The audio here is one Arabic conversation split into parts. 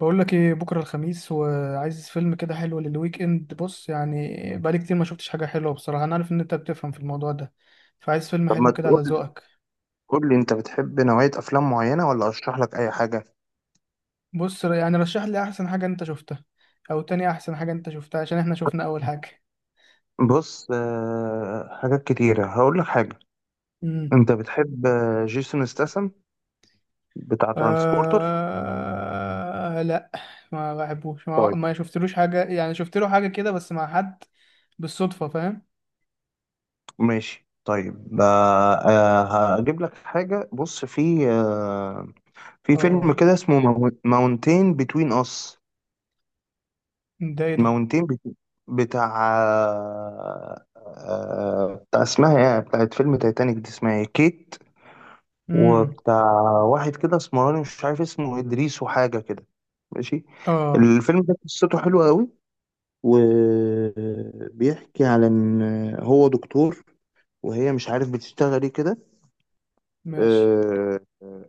بقول لك ايه، بكره الخميس وعايز فيلم كده حلو للويك اند. بص، يعني بقالي كتير ما شفتش حاجه حلوه بصراحه. انا عارف ان انت بتفهم في الموضوع ده، فعايز فيلم طب، ما حلو كده على تقول؟ ذوقك. قول لي، انت بتحب نوعية افلام معينة ولا اشرح لك اي حاجة؟ بص، يعني رشح لي احسن حاجه انت شفتها، او تاني احسن حاجه انت شفتها، عشان احنا شفنا اول حاجه. بص، حاجات كتيرة. هقول لك حاجة. امم. انت بتحب جيسون ستاثام، بتاع ترانسبورتر؟ لا. ما بحبوش، ما, طيب ما شفتلوش حاجه، يعني شفت له حاجه كده بس مع حد بالصدفه، فاهم. ماشي طيب. هجيب لك حاجة. بص، في فيلم اه. كده اسمه ماونتين بتوين اس. ده ايه ده؟ ماونتين، بتاع بتاع اسمها ايه بتاعت فيلم تايتانيك دي؟ اسمها ايه، كيت. امم. وبتاع واحد كده اسمراني، مش عارف اسمه، إدريس وحاجة كده. ماشي. اه، الفيلم ده قصته حلوة قوي، وبيحكي على إن هو دكتور وهي مش عارف بتشتغل إيه كده. ماشي. آه،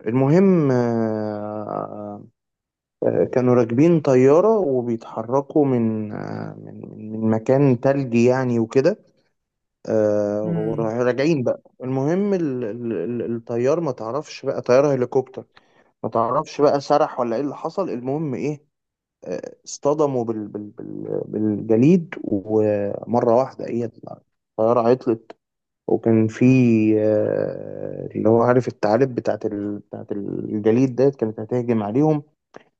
المهم، كانوا راكبين طيارة وبيتحركوا من من مكان تلجي يعني وكده. امم. وراجعين بقى. المهم الطيار، ما تعرفش بقى، طيارة هليكوبتر. ما تعرفش بقى، سرح ولا ايه اللي حصل، المهم ايه، اصطدموا بالجليد، ومرة واحدة ايه، الطيارة عطلت. وكان في اللي هو، عارف الثعالب بتاعت بتاعت الجليد ديت، كانت هتهجم عليهم.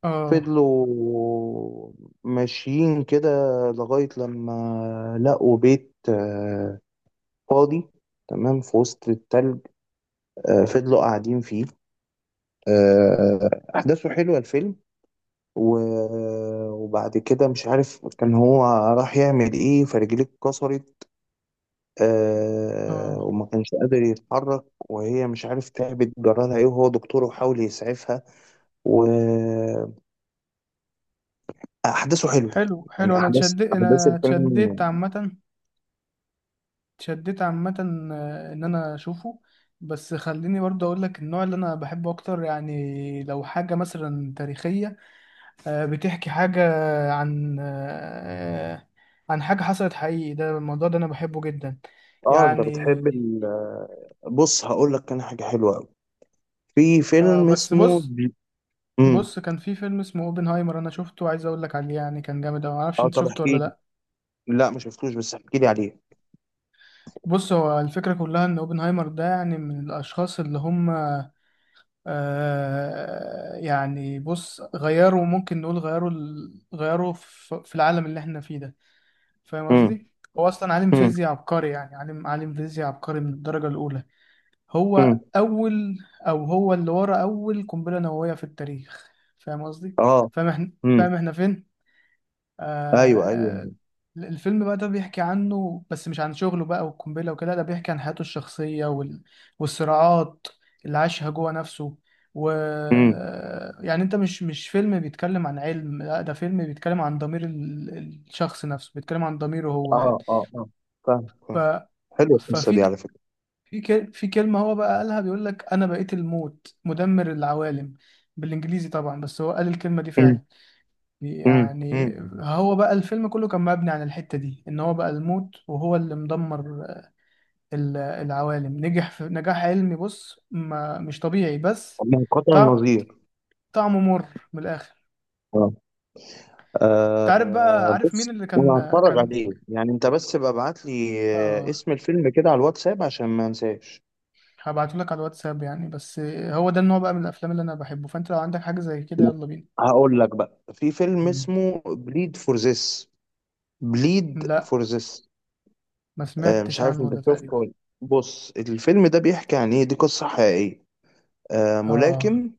اه، فضلوا ماشيين كده لغاية لما لقوا بيت فاضي، تمام، في وسط التلج. فضلوا قاعدين فيه. أحداثه حلوة الفيلم. وبعد كده مش عارف، كان هو راح يعمل ايه، فرجليه اتكسرت اه. وما كانش قادر يتحرك. وهي مش عارف تعبت، جرالها ايه، وهو دكتور وحاول يسعفها. واحداثه حلوه حلو، حلو، يعني. احداث انا الفيلم. اتشدت عامه. اتشدت عامه. ان انا اشوفه. بس خليني برضه اقول لك النوع اللي انا بحبه اكتر، يعني لو حاجه مثلا تاريخيه، بتحكي حاجه عن آه، عن حاجه حصلت حقيقي. ده الموضوع ده انا بحبه جدا، اه، انت يعني. بتحب بص، هقول لك انا حاجه حلوه قوي. في فيلم بس اسمه بص. امم. بص، كان في فيلم اسمه اوبنهايمر، انا شفته، عايز اقول لك عليه، يعني كان جامد أوي، ما اعرفش اه، انت طب شفته ولا احكي لي. لا. لا ما شفتوش، بس احكي لي عليه. بص، هو الفكره كلها ان اوبنهايمر ده يعني من الاشخاص اللي هم، يعني بص، غيروا، ممكن نقول غيروا في العالم اللي احنا فيه ده. فاهم امم. قصدي؟ هو أصلا عالم امم. فيزياء عبقري، يعني عالم فيزياء عبقري من الدرجة الأولى. امم. هو أول أو هو اللي ورا أول قنبلة نووية في التاريخ. فاهم قصدي؟ اه. فاهم احنا امم. فاهم احنا فين؟ ايوه، آه. ايوه. الفيلم بقى ده بيحكي عنه بس مش عن شغله بقى والقنبلة وكده، ده بيحكي عن حياته الشخصية والصراعات اللي عاشها جوه نفسه. و يعني، انت مش فيلم بيتكلم عن علم، لا، ده فيلم بيتكلم عن ضمير الشخص نفسه، بيتكلم عن ضميره هو، يعني. اه، اه، اه، فاهم، ف... فاهم. حلوه القصه دي ففي على فكره. في ك... في كلمة هو بقى قالها، بيقول لك انا بقيت الموت مدمر العوالم. بالانجليزي طبعا، بس هو قال الكلمة دي امم. فعلا، امم. يعني. امم. هو بقى الفيلم كله كان مبني عن الحتة دي، ان هو بقى الموت وهو اللي مدمر العوالم. نجح في نجاح علمي، بص، ما مش طبيعي بس. من قطع طع- النظير. طعمه مر من الاخر. اه. انت عارف بقى، عارف مين بص، اللي انا كان؟ هتفرج كان عليه يعني، انت بس بقى ابعت لي اه. اسم الفيلم كده على الواتساب عشان ما انساش. هبعته لك على الواتساب، يعني، بس هو ده النوع بقى من الافلام اللي انا بحبه، فانت لو عندك حاجة زي كده يلا بينا. هقول لك بقى، في فيلم مم. اسمه بليد فور ذس. بليد لا، فور ذس. ما مش سمعتش عارف عنه انت ده شفته تقريبا. ولا لأ. بص، الفيلم ده بيحكي عن ايه؟ دي قصة حقيقية. اه. ملاكم،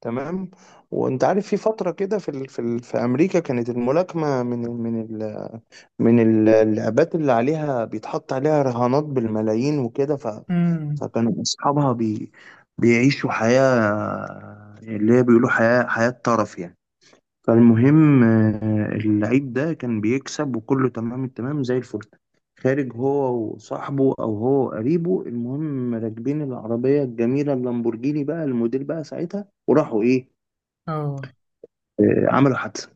تمام. وانت عارف في فتره كده، في في امريكا، كانت الملاكمه من ال- اللعبات اللي عليها بيتحط عليها رهانات بالملايين وكده. امم. فكانوا اصحابها بيعيشوا حياه، اللي هي بيقولوا، حياه طرف يعني. فالمهم اللعيب ده كان بيكسب، وكله تمام التمام، زي الفل. خارج هو وصاحبه، او هو قريبه، المهم راكبين العربيه الجميله، اللامبورجيني بقى، الموديل بقى ساعتها، وراحوا ايه، اه. عملوا حادثة.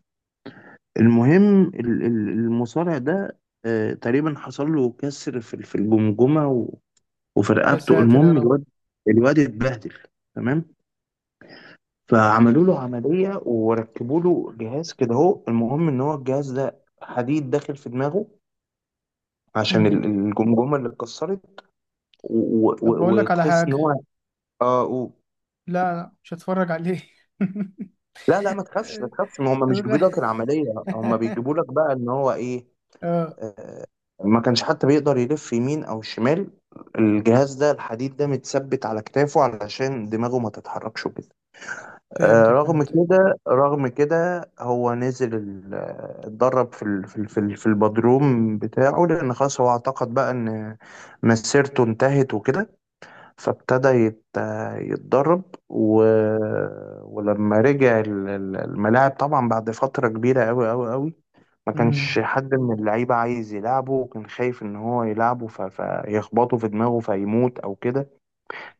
المهم المصارع ده، تقريبا حصل له كسر في الجمجمة وفي يا رقبته. ساتر يا المهم رب. الواد، اتبهدل، تمام. فعملوا له عملية وركبوا له جهاز كده اهو. المهم ان هو الجهاز ده حديد داخل في دماغه عشان امم. الجمجمة اللي اتكسرت. طب، بقول لك على وتحس ان حاجة. هو، اه، لا، لا، مش هتفرج عليه. لا، لا، ما تخافش، ما تخافش، ما هم مش الغ- بيجيبوا لك العملية، هم بيجيبوا لك بقى ان هو ايه. اه. آه، ما كانش حتى بيقدر يلف يمين او شمال. الجهاز ده الحديد ده متثبت على كتافه علشان دماغه ما تتحركش وكده. فهمتك، رغم فهمتك. كده، رغم كده، هو نزل اتدرب في في البدروم بتاعه، لان خلاص هو اعتقد بقى ان مسيرته انتهت وكده. فابتدى يتدرب. و... ولما رجع الملاعب، طبعا بعد فترة كبيرة قوي قوي قوي، ما كانش امم. حد من اللعيبة عايز يلعبه، وكان خايف إن هو يلعبه فيخبطه في دماغه فيموت أو كده.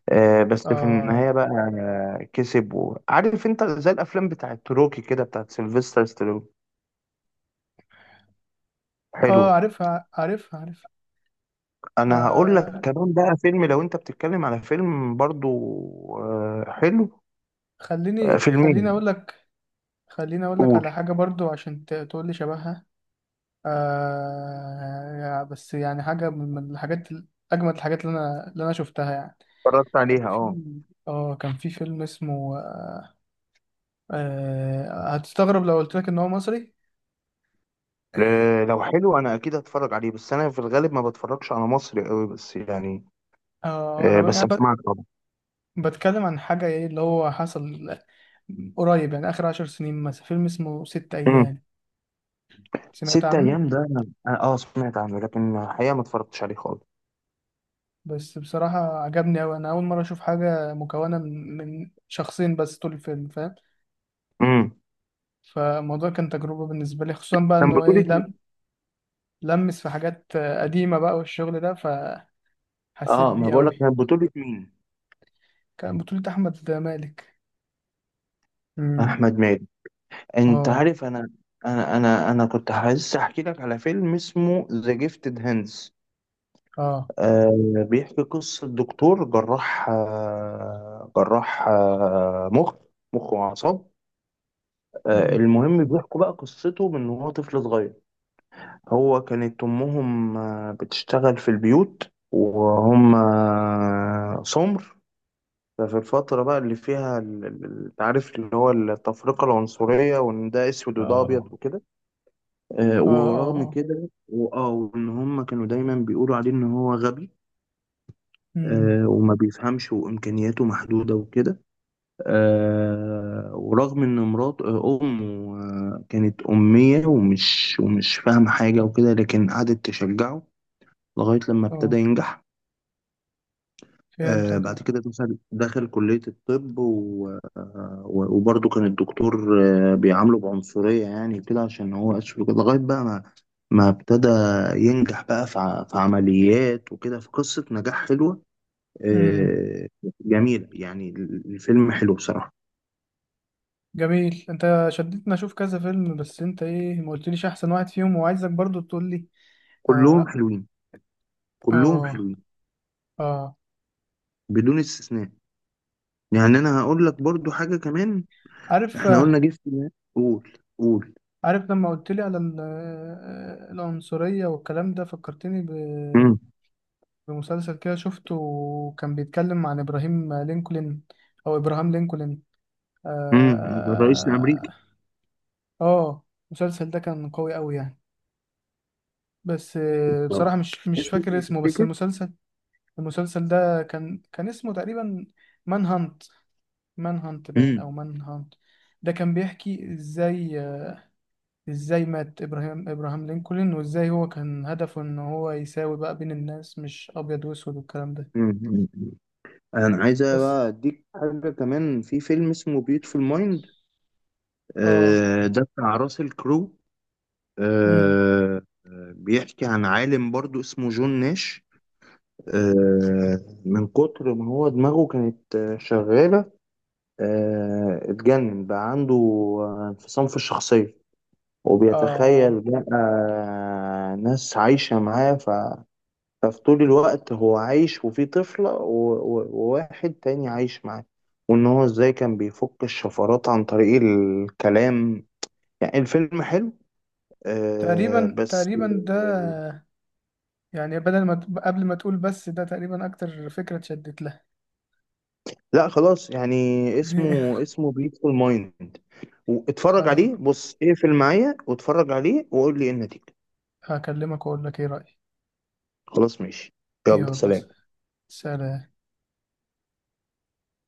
بس في اه، النهاية بقى كسب. عارف أنت، زي الأفلام بتاعت روكي كده، بتاعت سيلفستر ستالون. حلو. اه. عارفها، عارفها، عارفها. أنا هقول لك آه كمان بقى فيلم، لو أنت بتتكلم على فيلم برضو حلو. خليني، خليني فيلمين. اقول لك. خليني اقول لك قول. على حاجة برضو، عشان تقول لي شبهها. بس يعني حاجة من الحاجات، اجمد الحاجات اللي انا شفتها، يعني. اتفرجت كان عليها، اه. في اه كان في فيلم اسمه، هتستغرب لو قلت لك ان هو مصري. لو حلو أنا أكيد هتفرج عليه، بس أنا في الغالب ما بتفرجش على مصري قوي، بس يعني اه، انا بس يعني، أسمعك طبعا. بتكلم عن حاجة ايه اللي هو حصل قريب، يعني آخر 10 سنين مثلا، فيلم اسمه ست أيام، سمعت ست عنه؟ ايام ده اه سمعت عنه، لكن الحقيقه ما اتفرجتش عليه خالص. بس بصراحة عجبني أوي، أنا أول مرة أشوف حاجة مكونة من شخصين بس طول الفيلم، فاهم. امم. فالموضوع كان تجربة بالنسبة لي، خصوصا بقى إن كان هو إيه بطولة لم مين؟ لمس في حاجات قديمة بقى والشغل ده، فحسيت اه، ما بيه بقول لك، أوي. كان بطولة مين؟ كان بطولة أحمد مالك. امم. احمد مالك. انت اه، عارف، انا، انا كنت عايز احكي لك على فيلم اسمه ذا جيفتد هاندز. اه. آه، بيحكي قصة دكتور جراح، آه جراح، آه مخ، مخ وأعصاب. آه، امم. المهم بيحكوا بقى قصته من وهو طفل صغير. هو كانت أمهم بتشتغل في البيوت، وهم سمر. ففي الفترة بقى اللي فيها انت عارف اللي هو التفرقة العنصرية، وإن ده أسود وده أبيض اه، وكده. اه، اه، ورغم اه. كده، وآه، وإن هم كانوا دايما بيقولوا عليه إن هو غبي امم. وما بيفهمش، وإمكانياته محدودة وكده. ورغم إن مرات أمه كانت أمية، ومش فاهمة حاجة وكده، لكن قعدت تشجعه لغاية لما ابتدى اه. ينجح. آه، فهمتك. بعد كده دخل، كلية الطب، وبرضه كان الدكتور آه بيعامله بعنصرية يعني كده عشان هو أسود وكده، لغاية بقى ما ابتدى ينجح بقى في في عمليات وكده، في قصة نجاح حلوة اه. آه، جميلة، يعني الفيلم حلو بصراحة. جميل، انت شدتني اشوف كذا فيلم، بس انت ايه ما قلتليش احسن واحد فيهم؟ وعايزك برضو تقول لي. كلهم اه، حلوين، كلهم اه, حلوين، آه. بدون استثناء. يعني أنا هقول لك برضه حاجة كمان. عارف احنا آه، قلنا جيش قول، قول. عارف لما قلت لي على العنصرية والكلام ده، فكرتني امم. بمسلسل كده شفته، وكان بيتكلم عن ابراهيم لينكولن، او ابراهام لينكولن. اه, امم. الرئيس الأمريكي آه. المسلسل ده كان قوي قوي، يعني. بس بصراحة مش اسمه فاكر ايه اسمه، بس تفتكر؟ المسلسل ده كان اسمه تقريبا مان هانت. مان هانت باين، او امم. مان هانت. ده كان بيحكي ازاي مات ابراهام لينكولن، وازاي هو كان هدفه ان هو يساوي بقى بين الناس، مش ابيض واسود والكلام ده. امم. انا عايز بس. بقى اديك حاجه كمان، في فيلم اسمه بيوتفul مايند. اه. آه، ده بتاع راسل كرو. امم. بيحكي عن عالم برضو اسمه جون ناش. آه، من كتر ما هو دماغه كانت شغاله، اتجنن بقى. عنده انفصام في الشخصيه، وبيتخيل اه. بقى ناس عايشه معاه. ففي طول الوقت هو عايش، وفي طفلة وواحد تاني عايش معاه، وإن هو إزاي كان بيفك الشفرات عن طريق الكلام. يعني الفيلم حلو آه، تقريبا، بس. تقريبا ده، يعني بدل ما ت- قبل ما تقول بس، ده تقريبا اكتر فكرة اتشدت لها. لا، خلاص يعني. اسمه، بيوتفul مايند. واتفرج خلاص، عليه. بص، اقفل معايا واتفرج عليه وقول لي ايه النتيجة. هكلمك واقول لك ايه رأيي. خلاص ماشي. يلا يلا، سلام. سلام.